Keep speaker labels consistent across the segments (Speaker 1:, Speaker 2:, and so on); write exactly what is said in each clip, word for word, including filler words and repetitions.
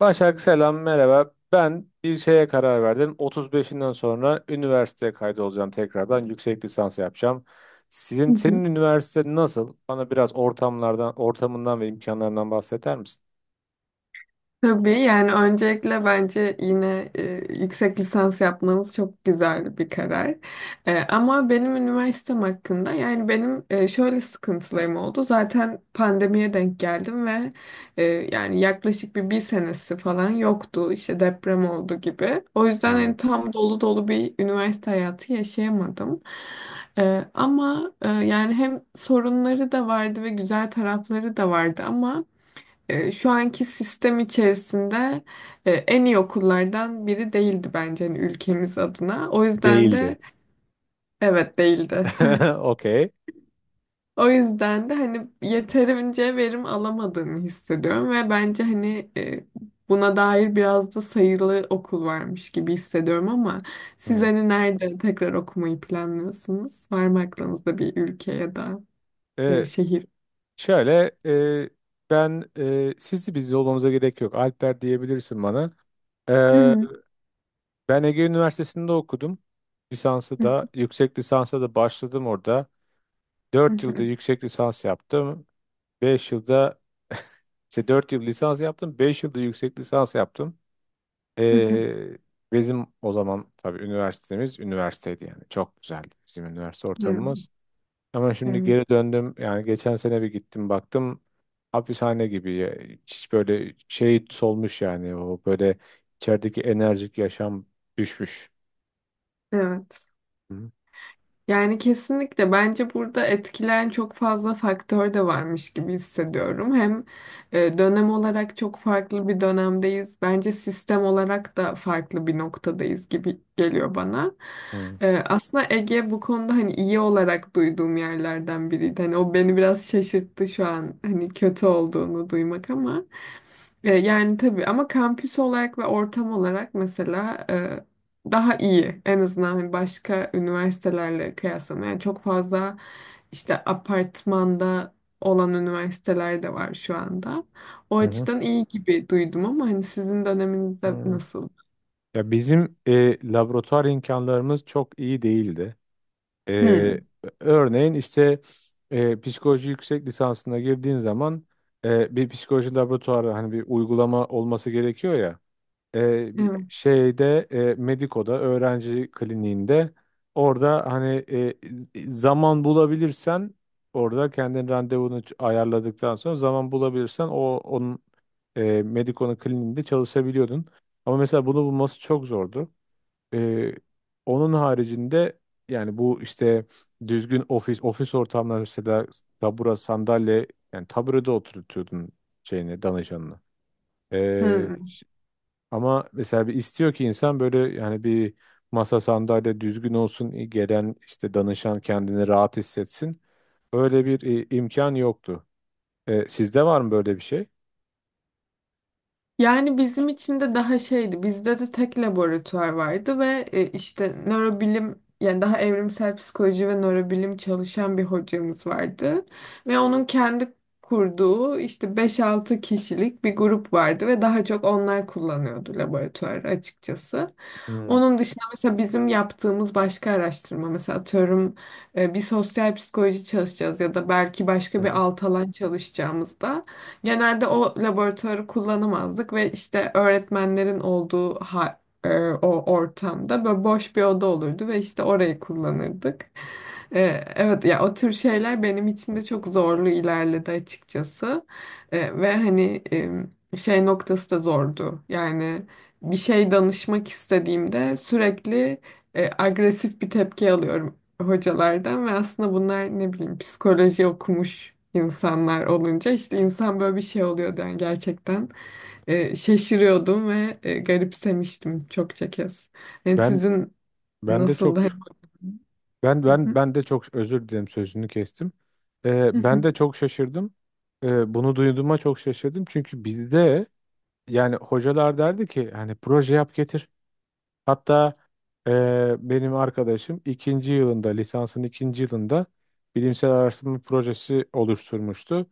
Speaker 1: Başak selam merhaba. Ben bir şeye karar verdim. otuz beşinden sonra üniversiteye kaydolacağım tekrardan. Yüksek lisans yapacağım. Sizin
Speaker 2: Hı hı.
Speaker 1: senin üniversite nasıl? Bana biraz ortamlardan, ortamından ve imkanlarından bahseder misin?
Speaker 2: Tabii yani öncelikle bence yine e, yüksek lisans yapmanız çok güzel bir karar. E, ama benim üniversitem hakkında yani benim e, şöyle sıkıntılarım oldu. Zaten pandemiye denk geldim ve e, yani yaklaşık bir bir senesi falan yoktu. İşte deprem oldu gibi. O yüzden hani tam dolu dolu bir üniversite hayatı yaşayamadım. E, ama e, yani hem sorunları da vardı ve güzel tarafları da vardı ama e, şu anki sistem içerisinde e, en iyi okullardan biri değildi bence hani ülkemiz adına. O yüzden
Speaker 1: Değildi.
Speaker 2: de evet değildi.
Speaker 1: Okey.
Speaker 2: O yüzden de hani yeterince verim alamadığımı hissediyorum ve bence hani e, buna dair biraz da sayılı okul varmış gibi hissediyorum ama siz
Speaker 1: Hı.
Speaker 2: hani nerede tekrar okumayı planlıyorsunuz? Var mı aklınızda bir ülke ya da e,
Speaker 1: Ee,
Speaker 2: şehir?
Speaker 1: şöyle e, ben e, Sizi biz olmamıza gerek yok. Alper diyebilirsin bana.
Speaker 2: Hı
Speaker 1: Ee,
Speaker 2: hı,
Speaker 1: Ben Ege Üniversitesi'nde okudum. Lisansı
Speaker 2: hı
Speaker 1: da, yüksek lisansa da başladım orada. Dört yılda
Speaker 2: hı,
Speaker 1: yüksek lisans yaptım. Beş yılda işte dört yıl lisans yaptım. Beş yılda yüksek lisans yaptım.
Speaker 2: hı hı,
Speaker 1: Ee, Bizim o zaman tabii üniversitemiz üniversiteydi yani. Çok güzeldi bizim üniversite ortamımız. Ama
Speaker 2: hı
Speaker 1: şimdi
Speaker 2: hı.
Speaker 1: geri döndüm. Yani geçen sene bir gittim baktım. Hapishane gibi, ya. Hiç böyle şey solmuş yani. O böyle içerideki enerjik yaşam düşmüş.
Speaker 2: Evet.
Speaker 1: Hı
Speaker 2: Yani kesinlikle bence burada etkileyen çok fazla faktör de varmış gibi hissediyorum. Hem e, dönem olarak çok farklı bir dönemdeyiz. Bence sistem olarak da farklı bir noktadayız gibi geliyor bana.
Speaker 1: hı.
Speaker 2: E, aslında Ege bu konuda hani iyi olarak duyduğum yerlerden biriydi. Hani o beni biraz şaşırttı şu an hani kötü olduğunu duymak ama. E, Yani tabii ama kampüs olarak ve ortam olarak mesela e, daha iyi. En azından hani başka üniversitelerle kıyaslamaya. Yani çok fazla işte apartmanda olan üniversiteler de var şu anda. O
Speaker 1: Hı hı.
Speaker 2: açıdan iyi gibi duydum ama hani sizin döneminizde
Speaker 1: Hı.
Speaker 2: nasıl?
Speaker 1: Ya bizim e, laboratuvar imkanlarımız çok iyi değildi. E,
Speaker 2: Hmm.
Speaker 1: Örneğin işte e, psikoloji yüksek lisansına girdiğin zaman e, bir psikoloji laboratuvarı hani bir uygulama olması gerekiyor ya. E, bir
Speaker 2: Evet.
Speaker 1: şeyde e, Mediko'da öğrenci kliniğinde orada hani e, zaman bulabilirsen orada kendin randevunu ç- ayarladıktan sonra zaman bulabilirsen o onun e, Mediko'nun kliniğinde çalışabiliyordun. Ama mesela bunu bulması çok zordu. Ee, Onun haricinde yani bu işte düzgün ofis ofis ortamları mesela tabura sandalye, yani taburede oturtuyordun şeyini, danışanını. Ee,
Speaker 2: Hmm.
Speaker 1: ş- Ama mesela bir istiyor ki insan böyle, yani bir masa sandalye düzgün olsun, gelen işte danışan kendini rahat hissetsin. Öyle bir e, imkan yoktu. E, sizde var mı böyle bir şey?
Speaker 2: Yani bizim için de daha şeydi. Bizde de tek laboratuvar vardı ve e, işte nörobilim yani daha evrimsel psikoloji ve nörobilim çalışan bir hocamız vardı. Ve onun kendi kurduğu işte beş-altı kişilik bir grup vardı ve daha çok onlar kullanıyordu laboratuvarı açıkçası.
Speaker 1: Hmm.
Speaker 2: Onun dışında mesela bizim yaptığımız başka araştırma mesela atıyorum e, bir sosyal psikoloji çalışacağız ya da belki
Speaker 1: Hı
Speaker 2: başka bir
Speaker 1: hı.
Speaker 2: alt alan çalışacağımızda genelde o laboratuvarı kullanamazdık ve işte öğretmenlerin olduğu ha- e, o ortamda böyle boş bir oda olurdu ve işte orayı kullanırdık. E, evet ya, o tür şeyler benim için de çok zorlu ilerledi açıkçası. E, ve hani e, şey noktası da zordu. Yani bir şey danışmak istediğimde sürekli e, agresif bir tepki alıyorum hocalardan ve aslında bunlar ne bileyim psikoloji okumuş insanlar olunca işte insan böyle bir şey oluyordu yani gerçekten e, şaşırıyordum ve e, garipsemiştim çokça kez. Yani
Speaker 1: Ben
Speaker 2: sizin
Speaker 1: ben de çok
Speaker 2: nasıldı? Hani
Speaker 1: ben ben ben de çok özür dilerim, sözünü kestim. E, ben de çok şaşırdım. E, bunu duyduğuma çok şaşırdım çünkü bizde yani hocalar derdi ki hani proje yap getir. Hatta eee, benim arkadaşım ikinci yılında, lisansın ikinci yılında bilimsel araştırma projesi oluşturmuştu.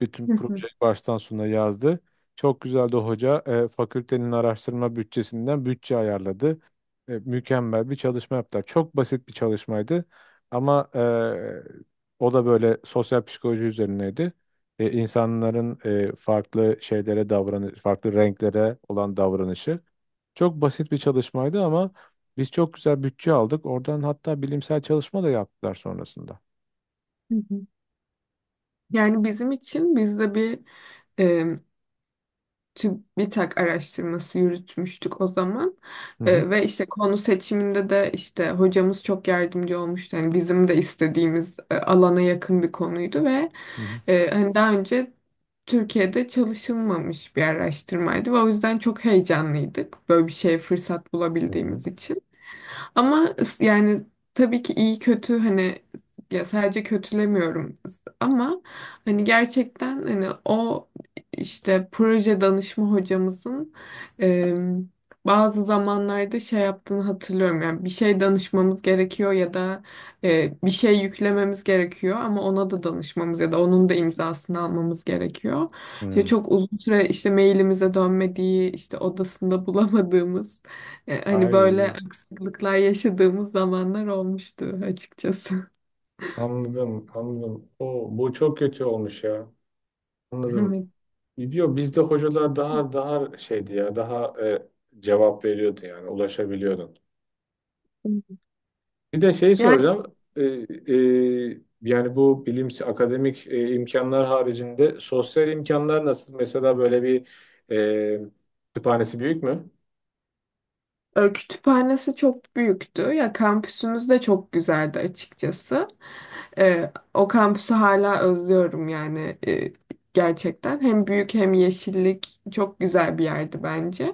Speaker 1: Bütün projeyi baştan sona yazdı. Çok güzeldi hoca. Eee, fakültenin araştırma bütçesinden bütçe ayarladı. E, mükemmel bir çalışma yaptılar. Çok basit bir çalışmaydı. Ama eee, o da böyle sosyal psikoloji üzerineydi. E, insanların e, farklı şeylere davranış, farklı renklere olan davranışı. Çok basit bir çalışmaydı ama biz çok güzel bütçe aldık. Oradan hatta bilimsel çalışma da yaptılar sonrasında.
Speaker 2: yani bizim için biz de bir e, TÜBİTAK araştırması yürütmüştük o zaman.
Speaker 1: Hı hı.
Speaker 2: E, ve işte konu seçiminde de işte hocamız çok yardımcı olmuştu. Yani bizim de istediğimiz e, alana yakın bir konuydu ve
Speaker 1: Hı hı.
Speaker 2: Ee, hani daha önce Türkiye'de çalışılmamış bir araştırmaydı ve o yüzden çok heyecanlıydık böyle bir şeye fırsat
Speaker 1: Hı hı.
Speaker 2: bulabildiğimiz için. Ama yani tabii ki iyi kötü hani, ya sadece kötülemiyorum ama hani gerçekten hani o işte proje danışma hocamızın e, bazı zamanlarda şey yaptığını hatırlıyorum. Yani bir şey danışmamız gerekiyor ya da e, bir şey yüklememiz gerekiyor ama ona da danışmamız ya da onun da imzasını almamız gerekiyor. İşte
Speaker 1: Hı.
Speaker 2: çok uzun süre işte mailimize dönmediği, işte odasında bulamadığımız e, Hani böyle
Speaker 1: Ay,
Speaker 2: sıkıntılar yaşadığımız zamanlar olmuştu açıkçası.
Speaker 1: anladım, anladım. O bu çok kötü olmuş ya. Anladım. Biliyor, bizde hocalar daha daha şeydi ya, daha e, cevap veriyordu, yani ulaşabiliyordun.
Speaker 2: Evet.
Speaker 1: Bir de şey
Speaker 2: Ya,
Speaker 1: soracağım. Ee, e, yani bu bilimsi akademik e, imkanlar haricinde sosyal imkanlar nasıl? Mesela böyle bir e, kütüphanesi büyük mü?
Speaker 2: E, kütüphanesi çok büyüktü. Ya kampüsümüz de çok güzeldi açıkçası. E, o kampüsü hala özlüyorum yani e, gerçekten. Hem büyük hem yeşillik çok güzel bir yerdi bence.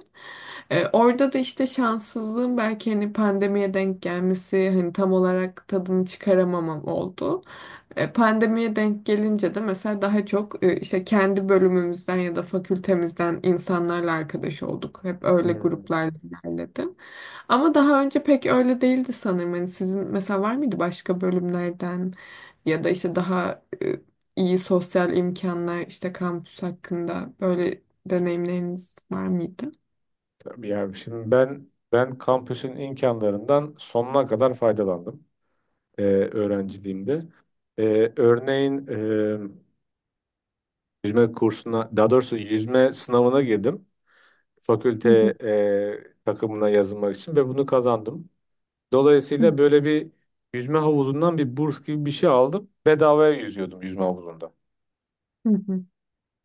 Speaker 2: E, orada da işte şanssızlığım belki hani pandemiye denk gelmesi hani tam olarak tadını çıkaramamam oldu. E, pandemiye denk gelince de mesela daha çok e, işte kendi bölümümüzden ya da fakültemizden insanlarla arkadaş olduk. Hep öyle
Speaker 1: Hmm.
Speaker 2: gruplarla ilerledi. Ama daha önce pek öyle değildi sanırım. Hani sizin mesela var mıydı başka bölümlerden ya da işte daha e, iyi sosyal imkanlar işte kampüs hakkında böyle deneyimleriniz var mıydı?
Speaker 1: Tabii, yani şimdi ben ben kampüsün imkanlarından sonuna kadar faydalandım e, öğrenciliğimde. E, örneğin e, yüzme kursuna, daha doğrusu yüzme sınavına girdim.
Speaker 2: Hı
Speaker 1: Fakülte
Speaker 2: hı,
Speaker 1: e, takımına yazılmak için, ve bunu kazandım.
Speaker 2: hı
Speaker 1: Dolayısıyla böyle bir yüzme havuzundan bir burs gibi bir şey aldım. Bedavaya yüzüyordum yüzme havuzunda.
Speaker 2: hı,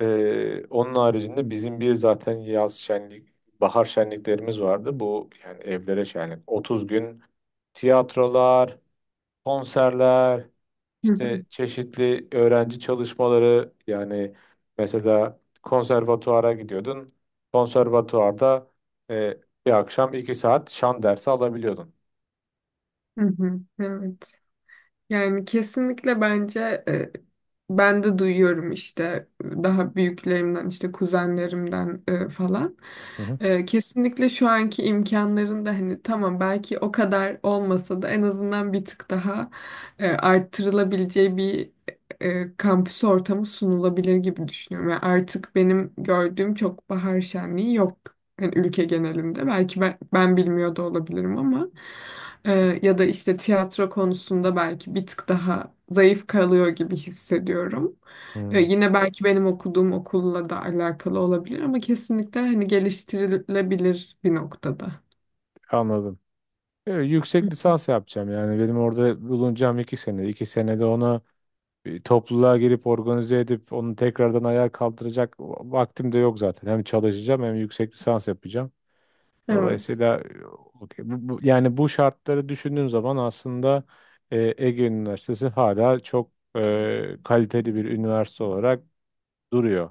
Speaker 1: Ee, onun haricinde bizim bir zaten yaz şenlik, bahar şenliklerimiz vardı. Bu yani evlere şenlik. otuz gün tiyatrolar, konserler,
Speaker 2: hı
Speaker 1: işte
Speaker 2: hı,
Speaker 1: çeşitli öğrenci çalışmaları, yani mesela konservatuara gidiyordun. Konservatuarda e, bir akşam iki saat şan dersi alabiliyordun.
Speaker 2: hı hı, hı hı. Evet. Yani kesinlikle bence e, ben de duyuyorum işte daha büyüklerimden işte kuzenlerimden e, falan.
Speaker 1: Hı hı.
Speaker 2: E, kesinlikle şu anki imkanların da hani tamam belki o kadar olmasa da en azından bir tık daha e, arttırılabileceği bir e, kampüs ortamı sunulabilir gibi düşünüyorum. Yani artık benim gördüğüm çok bahar şenliği yok hani ülke genelinde belki ben, ben bilmiyor da olabilirim ama e, ya da işte tiyatro konusunda belki bir tık daha zayıf kalıyor gibi hissediyorum. E,
Speaker 1: Hmm,
Speaker 2: yine belki benim okuduğum okulla da alakalı olabilir ama kesinlikle hani geliştirilebilir bir noktada.
Speaker 1: anladım. Evet, yüksek
Speaker 2: Hı.
Speaker 1: lisans yapacağım, yani benim orada bulunacağım iki sene. iki senede onu bir topluluğa girip organize edip onu tekrardan ayağa kaldıracak vaktim de yok zaten. Hem çalışacağım hem yüksek lisans yapacağım.
Speaker 2: Evet.
Speaker 1: Dolayısıyla e, okey. Bu- bu- yani bu şartları düşündüğüm zaman aslında e, Ege Üniversitesi hala çok e, kaliteli bir üniversite olarak duruyor.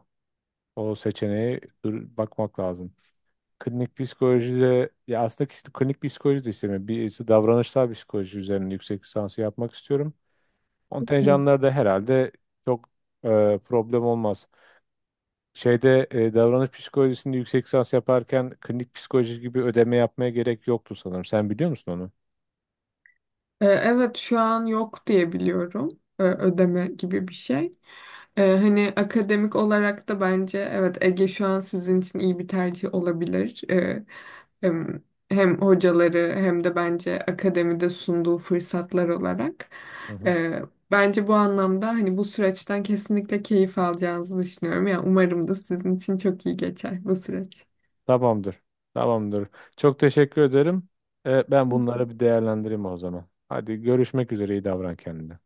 Speaker 1: O seçeneğe dur- bakmak lazım. Klinik psikolojide, ya aslında kis- klinik psikoloji de istemiyorum. Birisi davranışsal psikoloji üzerine yüksek lisansı yapmak istiyorum.
Speaker 2: Hı.
Speaker 1: Kontenjanlar da herhalde çok e, problem olmaz. Şeyde e, davranış psikolojisinde yüksek lisans yaparken klinik psikoloji gibi ödeme yapmaya gerek yoktu sanırım. Sen biliyor musun onu?
Speaker 2: E, evet, şu an yok diye biliyorum e, ödeme gibi bir şey. Ee, hani akademik olarak da bence evet Ege şu an sizin için iyi bir tercih olabilir. Ee, hem, Hem hocaları hem de bence akademide sunduğu fırsatlar olarak.
Speaker 1: Hı hı.
Speaker 2: Ee, Bence bu anlamda hani bu süreçten kesinlikle keyif alacağınızı düşünüyorum. Yani umarım da sizin için çok iyi geçer bu süreç.
Speaker 1: Tamamdır. Tamamdır. Çok teşekkür ederim. E, ben bunları bir değerlendireyim o zaman. Hadi, görüşmek üzere. İyi davran kendine.